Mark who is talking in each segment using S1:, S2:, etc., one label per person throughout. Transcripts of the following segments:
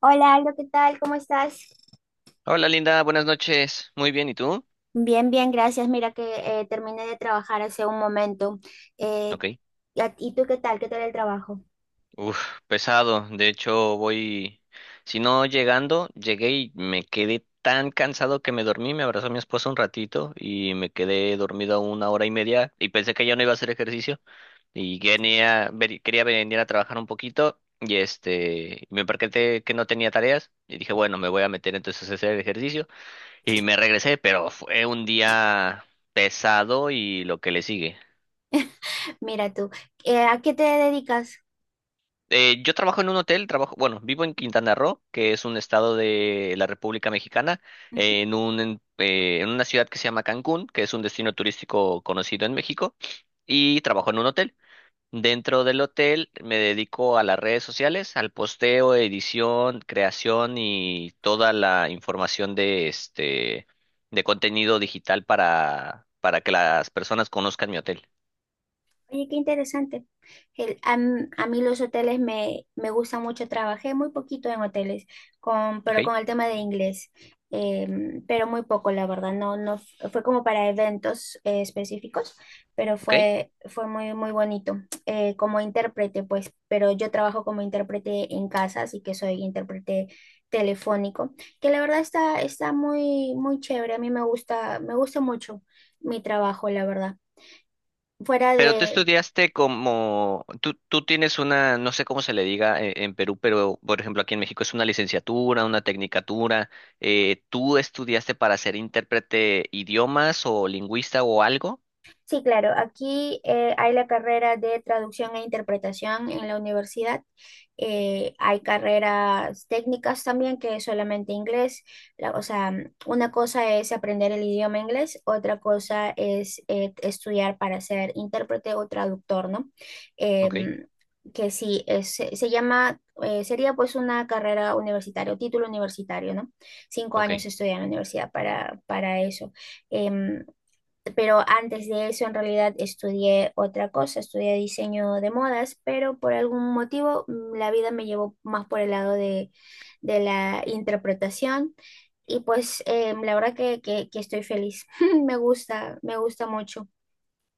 S1: Hola, Aldo, ¿qué tal? ¿Cómo estás?
S2: Hola, Linda, buenas noches. Muy bien, ¿y tú?
S1: Bien, bien, gracias. Mira que terminé de trabajar hace un momento. Eh,
S2: Ok.
S1: y tú qué tal? ¿Qué tal el trabajo?
S2: Uf, pesado. De hecho, si no llegando, llegué y me quedé tan cansado que me dormí, me abrazó mi esposa un ratito y me quedé dormido una hora y media y pensé que ya no iba a hacer ejercicio y quería venir a trabajar un poquito y me percaté que no tenía tareas y dije, bueno, me voy a meter entonces a hacer ejercicio y me regresé, pero fue un día pesado y lo que le sigue.
S1: Mira tú, ¿a qué te dedicas?
S2: Yo trabajo en un hotel, trabajo, bueno, vivo en Quintana Roo, que es un estado de la República Mexicana,
S1: Ujú.
S2: en una ciudad que se llama Cancún, que es un destino turístico conocido en México, y trabajo en un hotel. Dentro del hotel me dedico a las redes sociales, al posteo, edición, creación y toda la información de contenido digital para que las personas conozcan mi hotel.
S1: Oye, qué interesante. A mí los hoteles me gustan mucho. Trabajé muy poquito en hoteles,
S2: ¿Ok?
S1: pero con el tema de inglés, pero muy poco, la verdad. No, fue como para eventos específicos, pero
S2: ¿Ok?
S1: fue, fue muy, muy bonito. Como intérprete, pues, pero yo trabajo como intérprete en casa, así que soy intérprete telefónico, que la verdad está, está muy, muy chévere. A mí me gusta mucho mi trabajo, la verdad. Fuera
S2: Pero tú
S1: de,
S2: estudiaste como, tú tienes una, no sé cómo se le diga, en Perú, pero por ejemplo aquí en México es una licenciatura, una tecnicatura. ¿Tú estudiaste para ser intérprete idiomas o lingüista o algo?
S1: sí, claro. Aquí hay la carrera de traducción e interpretación en la universidad. Hay carreras técnicas también que es solamente inglés. O sea, una cosa es aprender el idioma inglés, otra cosa es estudiar para ser intérprete o traductor, ¿no?
S2: Ok,
S1: Em, que sí, se llama, sería pues una carrera universitaria o título universitario, ¿no? Cinco
S2: ok.
S1: años estudiar en la universidad para eso. Em, pero antes de eso en realidad estudié otra cosa, estudié diseño de modas, pero por algún motivo la vida me llevó más por el lado de la interpretación y pues la verdad que, que estoy feliz, me gusta mucho.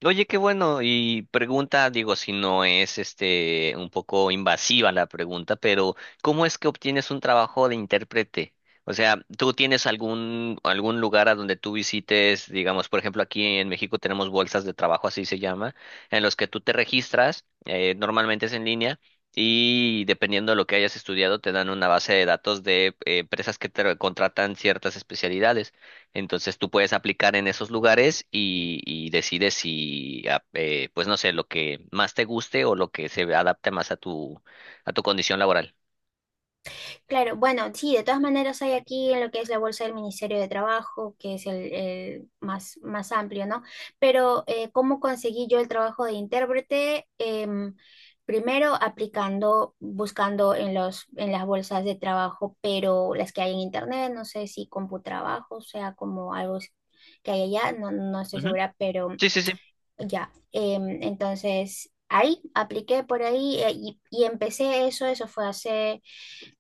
S2: Oye, qué bueno. Y pregunta, digo, si no es un poco invasiva la pregunta, pero ¿cómo es que obtienes un trabajo de intérprete? O sea, ¿tú tienes algún lugar a donde tú visites, digamos? Por ejemplo, aquí en México tenemos bolsas de trabajo, así se llama, en los que tú te registras. Normalmente es en línea. Y dependiendo de lo que hayas estudiado, te dan una base de datos de empresas que te contratan ciertas especialidades. Entonces tú puedes aplicar en esos lugares, y decides si, pues no sé, lo que más te guste o lo que se adapte más a tu condición laboral.
S1: Claro, bueno, sí, de todas maneras hay aquí en lo que es la bolsa del Ministerio de Trabajo, que es el más, más amplio, ¿no? Pero ¿cómo conseguí yo el trabajo de intérprete? Primero aplicando, buscando en los, en las bolsas de trabajo, pero las que hay en internet, no sé si Computrabajo, o sea, como algo que hay allá, no, no estoy
S2: Ujú.
S1: segura, pero
S2: Sí, sí, sí.
S1: ya. Entonces, ahí apliqué por ahí y empecé eso, eso fue hace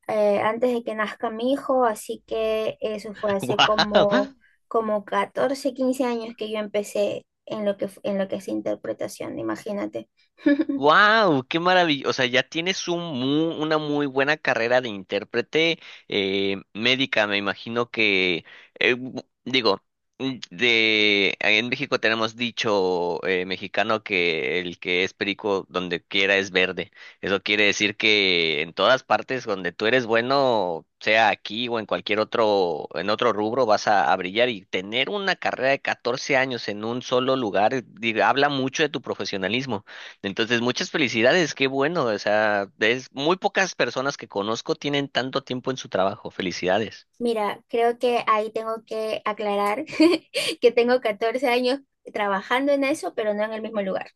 S1: antes de que nazca mi hijo, así que eso fue hace como,
S2: ¡Wow!
S1: como 14 15 años que yo empecé en lo que, en lo que es interpretación, imagínate.
S2: Wow, qué maravilla. O sea, ya tienes una muy buena carrera de intérprete, médica. Me imagino que, digo, de en México tenemos dicho, mexicano, que el que es perico donde quiera es verde. Eso quiere decir que en todas partes donde tú eres bueno, sea aquí o en cualquier otro, en otro rubro, vas a brillar, y tener una carrera de 14 años en un solo lugar, habla mucho de tu profesionalismo. Entonces, muchas felicidades, qué bueno. O sea, es muy pocas personas que conozco tienen tanto tiempo en su trabajo. Felicidades.
S1: Mira, creo que ahí tengo que aclarar que tengo 14 años trabajando en eso, pero no en el mismo lugar.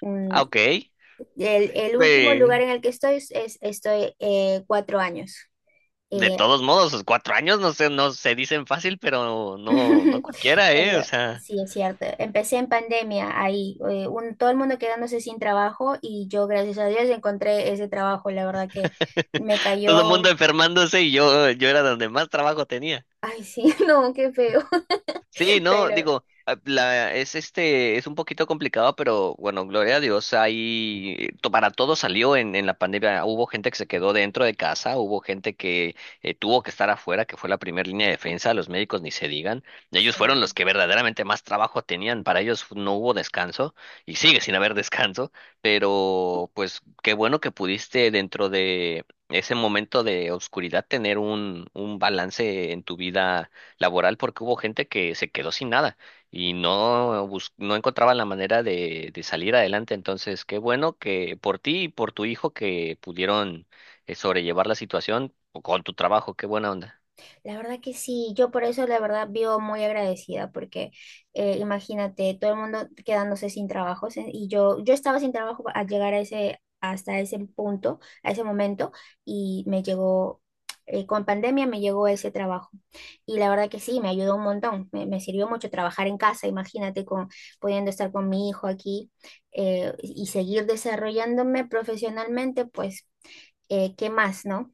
S1: Mm,
S2: Ah, ok.
S1: El último lugar
S2: De,
S1: en el que estoy es, estoy 4 años.
S2: de
S1: eh,
S2: todos modos, los 4 años no se dicen fácil, pero no, no cualquiera,
S1: Pero
S2: ¿eh? O sea,
S1: sí, es cierto. Empecé en pandemia ahí, todo el mundo quedándose sin trabajo y yo, gracias a Dios, encontré ese trabajo. La verdad que me
S2: todo el mundo
S1: cayó,
S2: enfermándose, y yo era donde más trabajo tenía.
S1: ay, sí, no, qué feo,
S2: Sí, no,
S1: pero
S2: digo, es un poquito complicado, pero bueno, gloria a Dios, ahí para todo salió en la pandemia. Hubo gente que se quedó dentro de casa, hubo gente que tuvo que estar afuera, que fue la primera línea de defensa, los médicos ni se digan.
S1: sí.
S2: Ellos fueron los que verdaderamente más trabajo tenían, para ellos no hubo descanso y sigue sin haber descanso, pero pues qué bueno que pudiste dentro de ese momento de oscuridad tener un balance en tu vida laboral, porque hubo gente que se quedó sin nada y no encontraban la manera de salir adelante. Entonces, qué bueno que por ti y por tu hijo que pudieron sobrellevar la situación o con tu trabajo, qué buena onda.
S1: La verdad que sí, yo por eso la verdad vivo muy agradecida porque imagínate todo el mundo quedándose sin trabajos y yo estaba sin trabajo al llegar a ese hasta ese punto, a ese momento y me llegó con pandemia me llegó ese trabajo y la verdad que sí, me ayudó un montón, me sirvió mucho trabajar en casa, imagínate con pudiendo estar con mi hijo aquí y seguir desarrollándome profesionalmente, pues ¿qué más, no?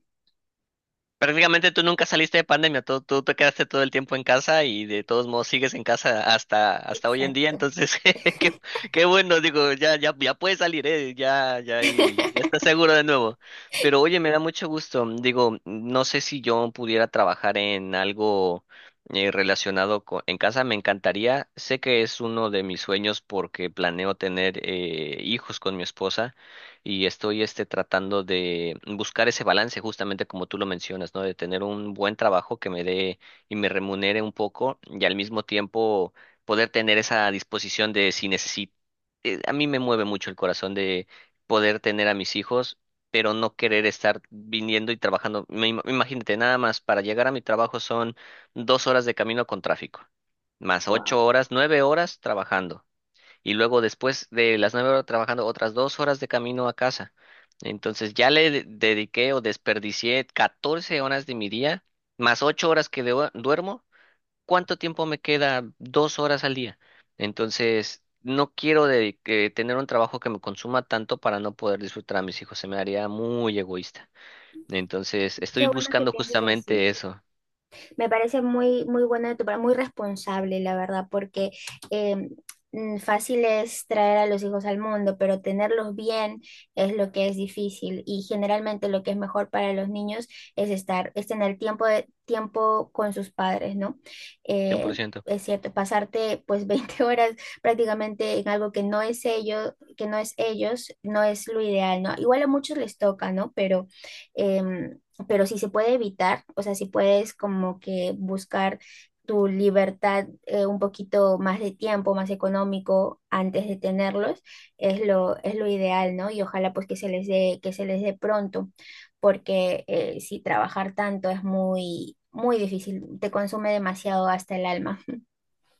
S2: Prácticamente tú nunca saliste de pandemia, tú te quedaste todo el tiempo en casa, y de todos modos sigues en casa hasta hoy en día,
S1: Exacto.
S2: entonces qué, qué bueno, digo, ya puedes salir, y ya estás seguro de nuevo. Pero oye, me da mucho gusto, digo, no sé si yo pudiera trabajar en algo relacionado en casa, me encantaría, sé que es uno de mis sueños, porque planeo tener hijos con mi esposa, y estoy tratando de buscar ese balance justamente como tú lo mencionas, ¿no? De tener un buen trabajo que me dé y me remunere un poco, y al mismo tiempo poder tener esa disposición de si necesito. A mí me mueve mucho el corazón de poder tener a mis hijos, pero no querer estar viniendo y trabajando. Imagínate, nada más para llegar a mi trabajo son 2 horas de camino con tráfico, más 8 horas, 9 horas trabajando, y luego después de las 9 horas trabajando, otras 2 horas de camino a casa. Entonces ya le dediqué o desperdicié 14 horas de mi día, más 8 horas que duermo. ¿Cuánto tiempo me queda? 2 horas al día. Entonces, no quiero de- que tener un trabajo que me consuma tanto para no poder disfrutar a mis hijos. Se me haría muy egoísta. Entonces, estoy
S1: Qué bueno que
S2: buscando
S1: pienses así.
S2: justamente eso,
S1: Me parece muy, muy bueno de tu parte, muy responsable, la verdad, porque eh, fácil es traer a los hijos al mundo, pero tenerlos bien es lo que es difícil. Y generalmente lo que es mejor para los niños es estar, es tener tiempo de, tiempo con sus padres, ¿no?
S2: cien por
S1: Eh,
S2: ciento
S1: es cierto, pasarte pues 20 horas prácticamente en algo que no es ellos, que no es ellos, no es lo ideal, ¿no? Igual a muchos les toca, ¿no? Pero em, pero si se puede evitar, o sea, si puedes como que buscar tu libertad un poquito más de tiempo, más económico antes de tenerlos, es lo ideal, ¿no? Y ojalá pues que se les dé, que se les dé pronto, porque si trabajar tanto es muy, muy difícil, te consume demasiado hasta el alma.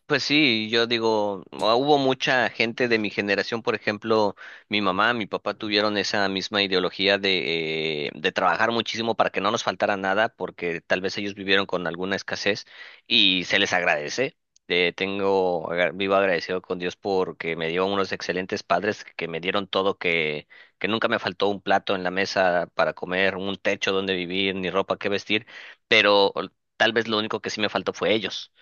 S2: Pues sí, yo digo, hubo mucha gente de mi generación, por ejemplo, mi mamá, mi papá, tuvieron esa misma ideología de trabajar muchísimo para que no nos faltara nada, porque tal vez ellos vivieron con alguna escasez y se les agradece. Vivo agradecido con Dios porque me dio unos excelentes padres que me dieron todo, que nunca me faltó un plato en la mesa para comer, un techo donde vivir, ni ropa que vestir, pero tal vez lo único que sí me faltó fue ellos.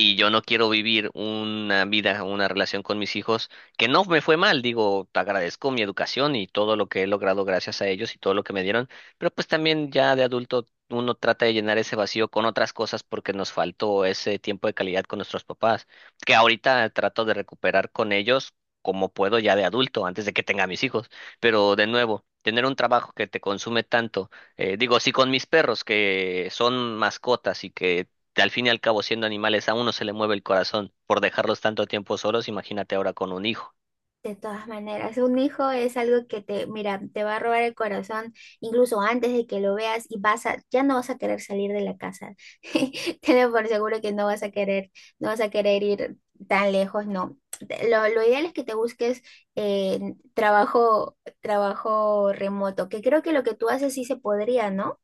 S2: Y yo no quiero vivir una vida, una relación con mis hijos que no me fue mal, digo, agradezco mi educación y todo lo que he logrado gracias a ellos y todo lo que me dieron, pero pues también ya de adulto uno trata de llenar ese vacío con otras cosas, porque nos faltó ese tiempo de calidad con nuestros papás, que ahorita trato de recuperar con ellos como puedo ya de adulto, antes de que tenga mis hijos, pero de nuevo, tener un trabajo que te consume tanto. Digo, si con mis perros, que son mascotas y que al fin y al cabo, siendo animales, a uno se le mueve el corazón por dejarlos tanto tiempo solos, imagínate ahora con un hijo.
S1: De todas maneras, un hijo es algo que te, mira, te va a robar el corazón incluso antes de que lo veas y vas a, ya no vas a querer salir de la casa. Tenlo por seguro que no vas a querer, no vas a querer ir tan lejos, no. Lo ideal es que te busques eh, trabajo, trabajo remoto, que creo que lo que tú haces sí se podría, ¿no?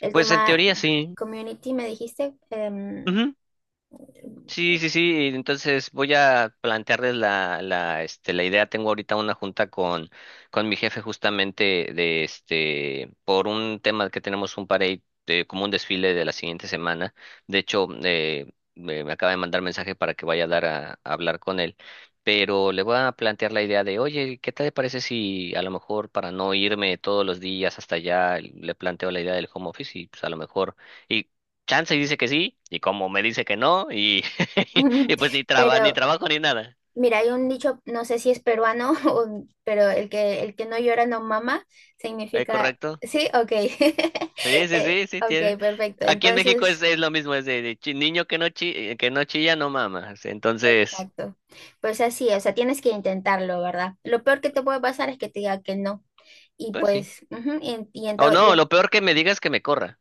S1: El
S2: Pues en
S1: tema
S2: teoría sí.
S1: community, me dijiste,
S2: Ujú. Sí, sí, sí. Entonces voy a plantearles la idea. Tengo ahorita una junta con mi jefe, justamente por un tema que tenemos como un desfile de la siguiente semana. De hecho, me acaba de mandar mensaje para que vaya a hablar con él. Pero le voy a plantear la idea de, oye, ¿qué te parece si a lo mejor, para no irme todos los días hasta allá, le planteo la idea del home office? Y pues a lo mejor, y chance y dice que sí, y como me dice que no, y y pues ni
S1: pero
S2: trabajo ni nada.
S1: mira, hay un dicho, no sé si es peruano, pero el que no llora no mama,
S2: ¿
S1: significa...
S2: correcto?
S1: Sí, ok.
S2: Sí, sí, sí, sí, tiene.
S1: Ok, perfecto.
S2: Aquí en México es,
S1: Entonces,
S2: es lo mismo, es de niño que no chilla, no mamas. Entonces,
S1: exacto. Pues así, o sea, tienes que intentarlo, ¿verdad? Lo peor que te puede pasar es que te diga que no. Y
S2: pues sí.
S1: pues, ujú, y en
S2: O
S1: todo- y
S2: no,
S1: en-
S2: lo peor que me digas es que me corra.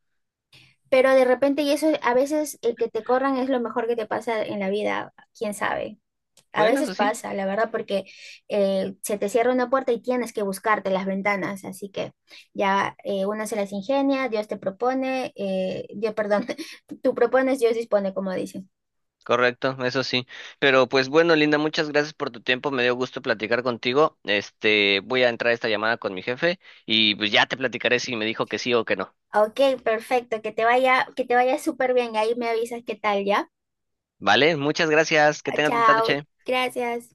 S1: pero de repente, y eso a veces el que te corran es lo mejor que te pasa en la vida, quién sabe. A
S2: Bueno,
S1: veces
S2: eso sí,
S1: pasa, la verdad, porque se te cierra una puerta y tienes que buscarte las ventanas, así que ya una se las ingenia, Dios te propone, Dios, perdón, tú propones, Dios dispone, como dicen.
S2: correcto, eso sí. Pero pues bueno, Linda, muchas gracias por tu tiempo, me dio gusto platicar contigo. Voy a entrar a esta llamada con mi jefe, y pues ya te platicaré si me dijo que sí o que no.
S1: Ok, perfecto, que te vaya súper bien, ahí me avisas qué tal, ¿ya?
S2: ¿Vale? Muchas gracias, que tengas bonita
S1: Chao,
S2: noche.
S1: gracias.